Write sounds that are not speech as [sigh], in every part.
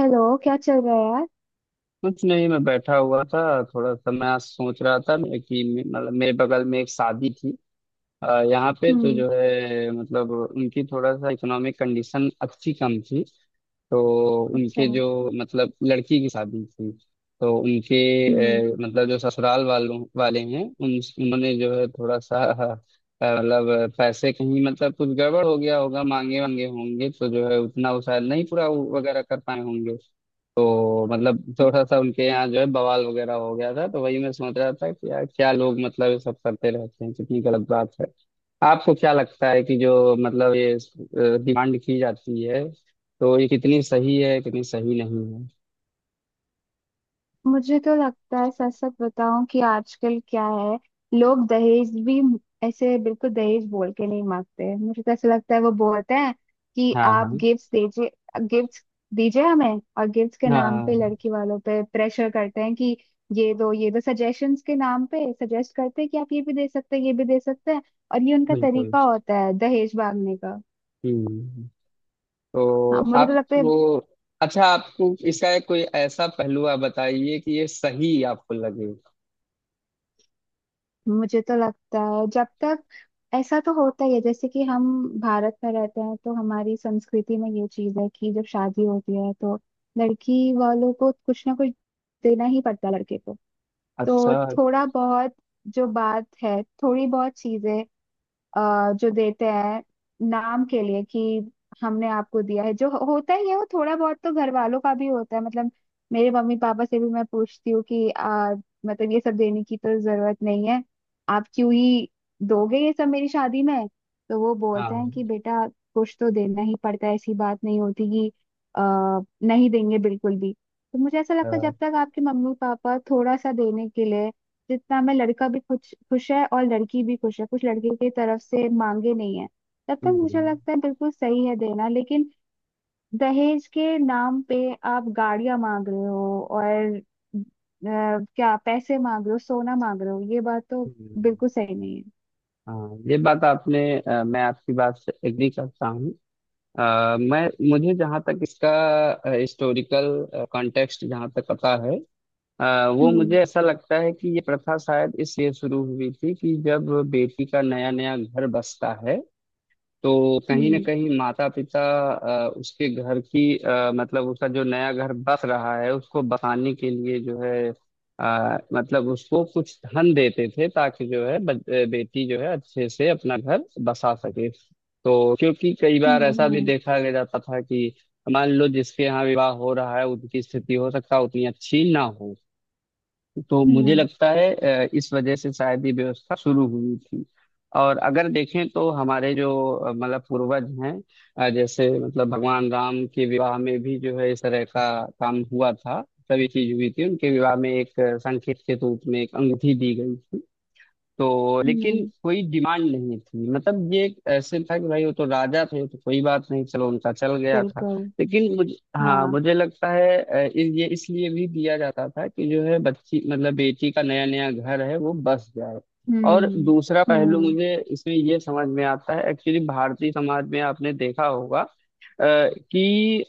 Hello, क्या चल रहा है यार। कुछ नहीं, मैं बैठा हुआ था। थोड़ा सा मैं आज सोच रहा था मैं कि मतलब मेरे बगल में एक शादी थी। यहाँ पे तो हम्म। जो है मतलब उनकी थोड़ा सा इकोनॉमिक कंडीशन अच्छी कम थी। तो अच्छा। उनके जो मतलब लड़की की शादी थी। तो उनके हम्म। मतलब जो ससुराल वालों वाले हैं, उन उन्होंने जो है थोड़ा सा मतलब पैसे कहीं मतलब कुछ गड़बड़ हो गया होगा, मांगे वांगे होंगे, तो जो है उतना वो शायद नहीं पूरा वो वगैरह कर पाए होंगे। तो मतलब थोड़ा सा उनके यहाँ जो है बवाल वगैरह हो गया था। तो वही मैं सोच रहा था कि यार क्या लोग मतलब ये सब करते रहते हैं, कितनी गलत बात है। आपको क्या लगता है कि जो मतलब ये डिमांड की जाती है, तो ये कितनी सही है कितनी सही नहीं है? मुझे तो लगता है, सच सच बताऊं कि आजकल क्या है, लोग दहेज भी ऐसे बिल्कुल दहेज बोल के नहीं मांगते, मुझे तो ऐसा लगता है। वो बोलते हैं कि हाँ, आप हाँ। गिफ्ट्स दीजिए, गिफ्ट्स दीजिए हमें। और गिफ्ट्स के नाम पे हाँ, लड़की वालों पे प्रेशर करते हैं कि ये दो, ये दो, सजेशंस के नाम पे सजेस्ट करते हैं कि आप ये भी दे सकते हैं, ये भी दे सकते हैं। और ये उनका बिल्कुल। तरीका होता है दहेज मांगने का। हम्म, तो हाँ, आपको, अच्छा, आपको इसका एक कोई ऐसा पहलू आप बताइए कि ये सही आपको लगे। मुझे तो लगता है जब तक ऐसा तो होता ही है, जैसे कि हम भारत में रहते हैं तो हमारी संस्कृति में ये चीज है कि जब शादी होती है तो लड़की वालों को कुछ ना कुछ देना ही पड़ता है लड़के को। अच्छा। तो थोड़ा बहुत, जो बात है थोड़ी बहुत चीजें जो देते हैं नाम के लिए कि हमने आपको दिया है, जो होता ही है। वो थोड़ा बहुत तो घर वालों का भी होता है। मतलब मेरे मम्मी पापा से भी मैं पूछती हूँ कि मतलब ये सब देने की तो जरूरत नहीं है, आप क्यों ही दोगे ये सब मेरी शादी में। तो वो बोलते हैं हाँ, कि बेटा, कुछ तो देना ही पड़ता है, ऐसी बात नहीं होती कि अ, नहीं देंगे बिल्कुल भी। तो मुझे ऐसा लगता है, हाँ। जब तक आपके मम्मी पापा थोड़ा सा देने के लिए, जितना में लड़का भी खुश खुश है और लड़की भी खुश है, कुछ लड़के की तरफ से मांगे नहीं है, तब तक मुझे हम्म, लगता है बिल्कुल सही है देना। लेकिन दहेज के नाम पे आप गाड़ियां मांग रहे हो और अ, क्या पैसे मांग रहे हो, सोना मांग रहे हो, ये बात तो हम्म। बिल्कुल सही नहीं है। हाँ, ये बात आपने, मैं आपकी बात से एग्री करता हूँ। मैं मुझे जहाँ तक इसका हिस्टोरिकल कॉन्टेक्स्ट जहाँ तक पता है, वो हम्म। मुझे ऐसा लगता है कि ये प्रथा शायद इसलिए शुरू हुई थी कि जब बेटी का नया नया घर बसता है, तो कहीं ना हम्म। कहीं माता पिता उसके घर की, मतलब उसका जो नया घर बस रहा है उसको बसाने के लिए जो है मतलब उसको कुछ धन देते थे ताकि जो है बेटी जो है अच्छे से अपना घर बसा सके। तो क्योंकि कई बार हम्म। ऐसा भी हम्म। देखा गया जाता था कि मान लो जिसके यहाँ विवाह हो रहा है उनकी स्थिति हो सकता है उतनी अच्छी ना हो। तो मुझे हम्म। लगता है इस वजह से शायद ये व्यवस्था शुरू हुई थी। और अगर देखें तो हमारे जो मतलब पूर्वज हैं, जैसे मतलब भगवान राम के विवाह में भी जो है इस तरह का काम हुआ था। सभी चीज हुई थी उनके विवाह में। एक संकेत के रूप में एक अंगूठी दी गई थी। तो लेकिन हम्म, कोई डिमांड नहीं थी, मतलब ये एक ऐसे था कि भाई वो तो राजा थे तो कोई बात नहीं, चलो उनका चल गया था। बिल्कुल। लेकिन मुझे, हाँ, हाँ। मुझे लगता है अ, इस ये इसलिए भी दिया जाता था कि जो है बच्ची मतलब बेटी का नया नया घर है वो बस जाए। और हम्म। दूसरा पहलू हम्म। मुझे इसमें ये समझ में आता है, एक्चुअली भारतीय समाज में आपने देखा होगा कि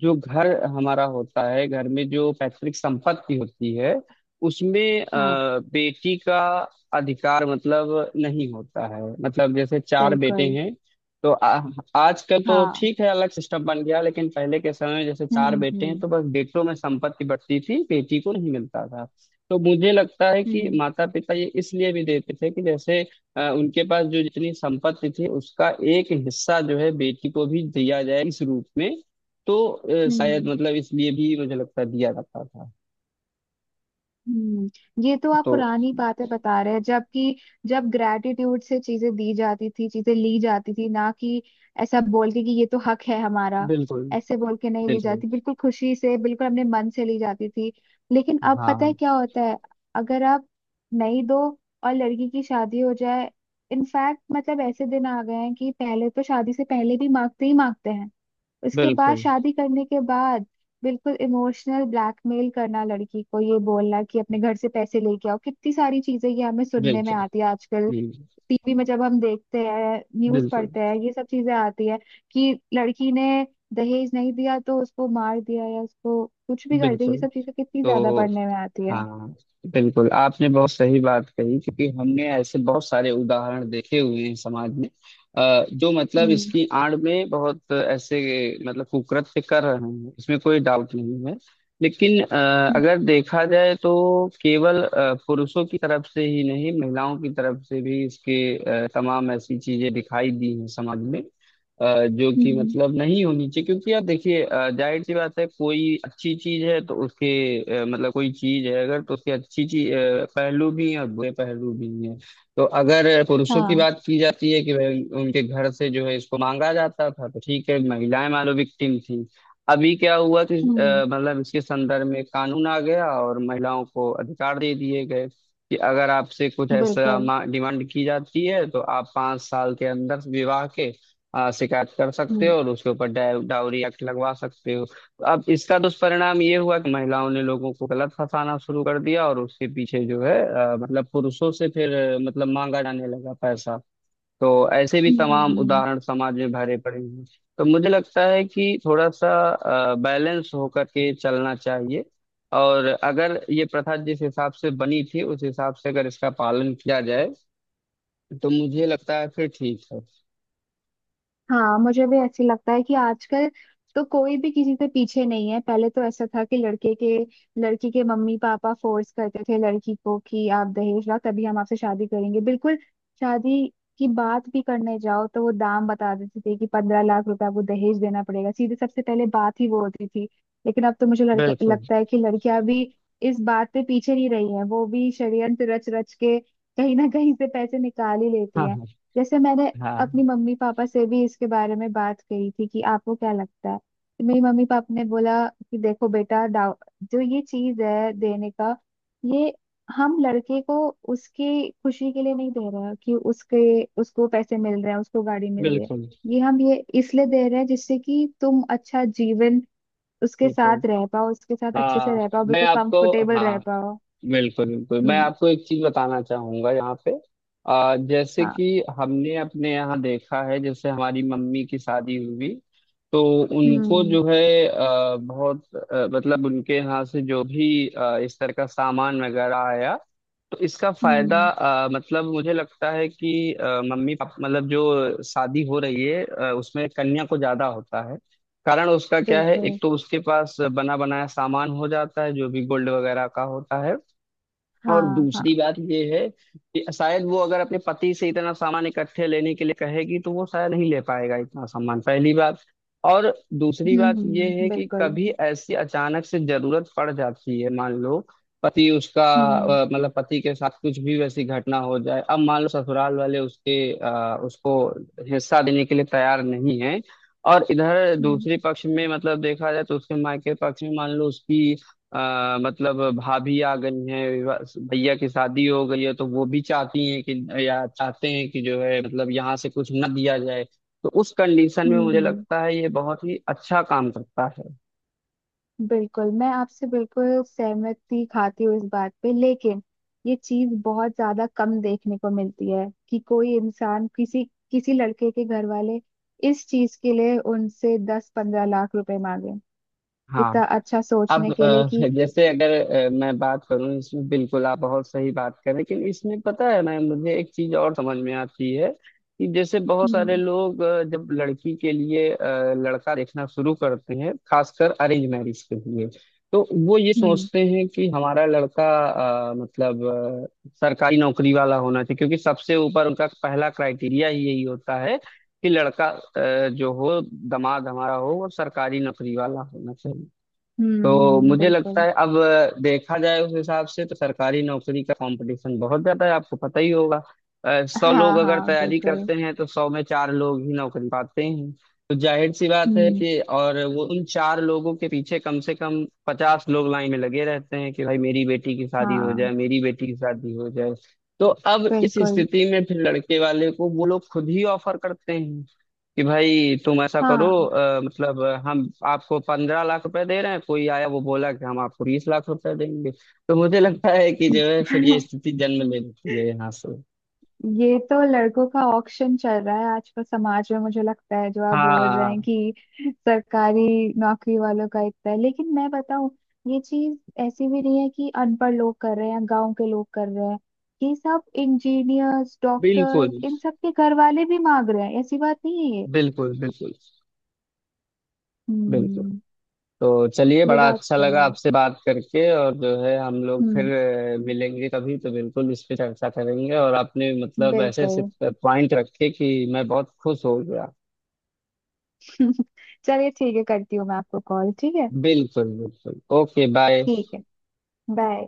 जो घर हमारा होता है, घर में जो पैतृक संपत्ति होती है, उसमें हाँ, बेटी का अधिकार मतलब नहीं होता है। मतलब जैसे चार बेटे बिल्कुल। हैं तो आजकल तो हाँ। ठीक है अलग सिस्टम बन गया, लेकिन पहले के समय में जैसे हम्म। चार बेटे हैं हम्म। तो बस बेटों में संपत्ति बढ़ती थी, बेटी को नहीं मिलता था। तो मुझे लगता है कि हम्म। माता पिता ये इसलिए भी देते थे कि जैसे उनके पास जो जितनी संपत्ति थी उसका एक हिस्सा जो है बेटी को भी दिया जाए इस रूप में। तो शायद हम्म। मतलब इसलिए भी मुझे लगता है दिया जाता था। हम्म, ये तो आप तो पुरानी बातें बता रहे हैं, जबकि जब ग्रेटिट्यूड से चीजें दी जाती थी, चीजें ली जाती थी, ना कि ऐसा बोल के कि ये तो हक है हमारा। बिल्कुल। ऐसे बोल के नहीं ली बिल्कुल। जाती, बिल्कुल खुशी से, बिल्कुल अपने मन से ली जाती थी। लेकिन अब पता है हाँ, क्या होता है, अगर आप नहीं दो और लड़की की शादी हो जाए। इनफैक्ट मतलब ऐसे दिन आ गए हैं कि पहले तो शादी से पहले भी मांगते ही मांगते हैं, उसके बाद बिल्कुल, शादी करने के बाद बिल्कुल इमोशनल ब्लैकमेल करना लड़की को, ये बोलना कि अपने घर से पैसे लेके आओ। कितनी सारी चीजें ये हमें सुनने में बिल्कुल। आती है आजकल, जी। टीवी में जब हम देखते हैं, न्यूज बिल्कुल, पढ़ते हैं, ये सब चीजें आती है कि लड़की ने दहेज नहीं दिया तो उसको मार दिया या उसको कुछ भी कर दिया। ये बिल्कुल। सब चीजें कितनी ज्यादा तो पढ़ने में आती है। हाँ, बिल्कुल आपने बहुत सही बात कही क्योंकि हमने ऐसे बहुत सारे उदाहरण देखे हुए हैं समाज में। जो मतलब हम्म। इसकी आड़ में बहुत ऐसे मतलब कुकृत्य कर रहे हैं, इसमें कोई डाउट नहीं है। लेकिन हम्म। अगर देखा जाए तो केवल पुरुषों की तरफ से ही नहीं, महिलाओं की तरफ से भी इसके तमाम ऐसी चीजें दिखाई दी हैं समाज में, अ, जो कि हम्म। मतलब नहीं होनी चाहिए, क्योंकि यार देखिए, जाहिर सी बात है कोई अच्छी चीज है तो उसके मतलब कोई चीज है अगर तो उसके अच्छी चीज पहलू भी हैं और बुरे पहलू भी हैं। तो अगर पुरुषों की हाँ। बात की जाती है कि भाई उनके घर से जो है इसको मांगा जाता था, तो ठीक है महिलाएं मानो विक्टिम थी। अभी क्या हुआ कि हम्म। मतलब इसके संदर्भ में कानून आ गया और महिलाओं को अधिकार दे दिए गए कि अगर आपसे कुछ बिल्कुल। ऐसा डिमांड की जाती है तो आप 5 साल के अंदर विवाह के शिकायत कर सकते हम्म। हो और उसके ऊपर डाउरी एक्ट लगवा सकते हो। तो अब इसका दुष्परिणाम ये हुआ कि महिलाओं ने लोगों को गलत फंसाना शुरू कर दिया और उसके पीछे जो है, मतलब पुरुषों से फिर, मतलब मांगा जाने लगा पैसा। तो ऐसे भी तमाम हम्म। उदाहरण समाज में भरे पड़े हैं। तो मुझे लगता है कि थोड़ा सा बैलेंस होकर के चलना चाहिए। और अगर ये प्रथा जिस हिसाब से बनी थी उस हिसाब से अगर इसका पालन किया जाए, तो मुझे लगता है फिर ठीक है। हाँ, मुझे भी ऐसे लगता है कि आजकल तो कोई भी किसी से पीछे नहीं है। पहले तो ऐसा था कि लड़के के, लड़की के मम्मी पापा फोर्स करते थे लड़की को कि आप दहेज लाओ तभी हम आपसे शादी करेंगे। बिल्कुल शादी की बात भी करने जाओ तो वो दाम बता देते थे कि 15 लाख रुपए आपको दहेज देना पड़ेगा, सीधे सबसे पहले बात ही वो होती थी। लेकिन अब तो मुझे बिल्कुल। लगता है कि लड़कियां भी इस बात पे पीछे नहीं रही हैं, वो भी षड्यंत्र रच रच के कहीं ना कहीं से पैसे निकाल ही लेती हाँ, हैं। हाँ। जैसे मैंने अपनी हाँ, मम्मी पापा से भी इसके बारे में बात करी थी कि आपको क्या लगता है, तो मेरी मम्मी पापा ने बोला कि देखो बेटा, दाव जो ये चीज है देने का, ये हम लड़के को उसकी खुशी के लिए नहीं दे रहे हैं कि उसके, उसको पैसे मिल रहे हैं, उसको गाड़ी मिल रही है। बिल्कुल, ये हम ये इसलिए दे रहे हैं जिससे कि तुम अच्छा जीवन उसके बिल्कुल। साथ रह पाओ, उसके साथ अच्छे से हाँ, रह पाओ, मैं बिल्कुल आपको, कंफर्टेबल रह हाँ, पाओ। बिल्कुल, बिल्कुल मैं हम्म। आपको एक चीज बताना चाहूंगा यहाँ पे। जैसे हाँ। कि हमने अपने यहाँ देखा है, जैसे हमारी मम्मी की शादी हुई, तो उनको हम्म। जो है बहुत मतलब उनके यहाँ से जो भी इस तरह का सामान वगैरह आया, तो इसका फायदा हम्म। मतलब मुझे लगता है कि मम्मी पापा मतलब जो शादी हो रही है उसमें कन्या को ज्यादा होता है। कारण उसका क्या है, एक बिल्कुल। तो उसके पास बना बनाया सामान हो जाता है जो भी गोल्ड वगैरह का होता है। और हाँ। हाँ। दूसरी बात ये है कि शायद वो अगर अपने पति से इतना सामान इकट्ठे लेने के लिए कहेगी तो वो शायद नहीं ले पाएगा इतना सामान, पहली बात। और दूसरी हम्म। बात ये है हम्म। कि बिल्कुल। कभी ऐसी अचानक से जरूरत पड़ जाती है, मान लो पति उसका हम्म। मतलब पति के साथ कुछ भी वैसी घटना हो जाए, अब मान लो ससुराल वाले उसके उसको हिस्सा देने के लिए तैयार नहीं है, और इधर हम्म। दूसरे पक्ष में मतलब देखा जाए तो उसके मायके पक्ष में मान लो उसकी मतलब भाभी आ गई हैं, भैया की शादी हो गई है तो वो भी चाहती हैं कि या चाहते हैं कि जो है मतलब यहाँ से कुछ न दिया जाए। तो उस कंडीशन में हम्म। मुझे लगता है ये बहुत ही अच्छा काम करता है। बिल्कुल। मैं आपसे बिल्कुल सहमति खाती हूँ इस बात पे, लेकिन ये चीज बहुत ज्यादा कम देखने को मिलती है कि कोई इंसान, किसी किसी लड़के के घर वाले, इस चीज के लिए उनसे 10-15 लाख रुपए मांगे, हाँ। इतना अच्छा सोचने अब के लिए कि। जैसे अगर मैं बात करूं, इसमें बिल्कुल आप बहुत सही बात करें, लेकिन इसमें पता है मैं मुझे एक चीज और समझ में आती है कि जैसे बहुत सारे हम्म। लोग जब लड़की के लिए लड़का देखना शुरू करते हैं, खासकर अरेंज मैरिज के लिए, तो वो ये हम्म। सोचते हैं कि हमारा लड़का मतलब सरकारी नौकरी वाला होना चाहिए, क्योंकि सबसे ऊपर उनका पहला क्राइटेरिया ही यही होता है कि लड़का, जो हो दामाद हमारा हो, वो सरकारी नौकरी वाला होना चाहिए। हम्म। तो मुझे लगता बिल्कुल। है अब देखा जाए उस हिसाब से तो सरकारी नौकरी का कंपटीशन बहुत ज्यादा है, आपको पता ही होगा। 100 लोग हाँ। अगर हाँ। तैयारी बिल्कुल। करते हैं तो 100 में चार लोग ही नौकरी पाते हैं। तो जाहिर सी बात है हम्म। कि, और वो उन चार लोगों के पीछे कम से कम 50 लोग लाइन में लगे रहते हैं कि भाई मेरी बेटी की शादी हो जाए, हाँ। मेरी बेटी की शादी हो जाए। तो अब इस बिल्कुल। स्थिति में फिर लड़के वाले को वो लोग खुद ही ऑफर करते हैं कि भाई तुम ऐसा करो, हाँ। मतलब हम आपको 15 लाख रुपए दे रहे हैं, कोई आया वो बोला कि हम आपको 20 लाख रुपए देंगे। तो मुझे लगता है कि जो है फिर ये [laughs] स्थिति जन्म ले लेती है यहाँ से। ये तो लड़कों का ऑक्शन चल रहा है आजकल समाज में, मुझे लगता है। जो आप बोल रहे हैं हाँ, कि सरकारी नौकरी वालों का इतना है, लेकिन मैं बताऊं, ये चीज ऐसी भी नहीं है कि अनपढ़ लोग कर रहे हैं, गांव के लोग कर रहे हैं। ये सब इंजीनियर्स, बिल्कुल, डॉक्टर्स, इन सब के घर वाले भी मांग रहे हैं, ऐसी बात नहीं है ये। बिल्कुल। बिल्कुल, बिल्कुल। हम्म। तो चलिए, ये बड़ा बात अच्छा तो लगा है। आपसे बात करके, और जो है हम लोग फिर हम्म। मिलेंगे कभी तो बिल्कुल इस पे चर्चा करेंगे, और आपने मतलब ऐसे ऐसे बिल्कुल। पॉइंट रखे कि मैं बहुत खुश हो गया। [laughs] चलिए ठीक है, करती हूँ मैं आपको कॉल। ठीक है। बिल्कुल, बिल्कुल। Okay, bye. ठीक है। बाय।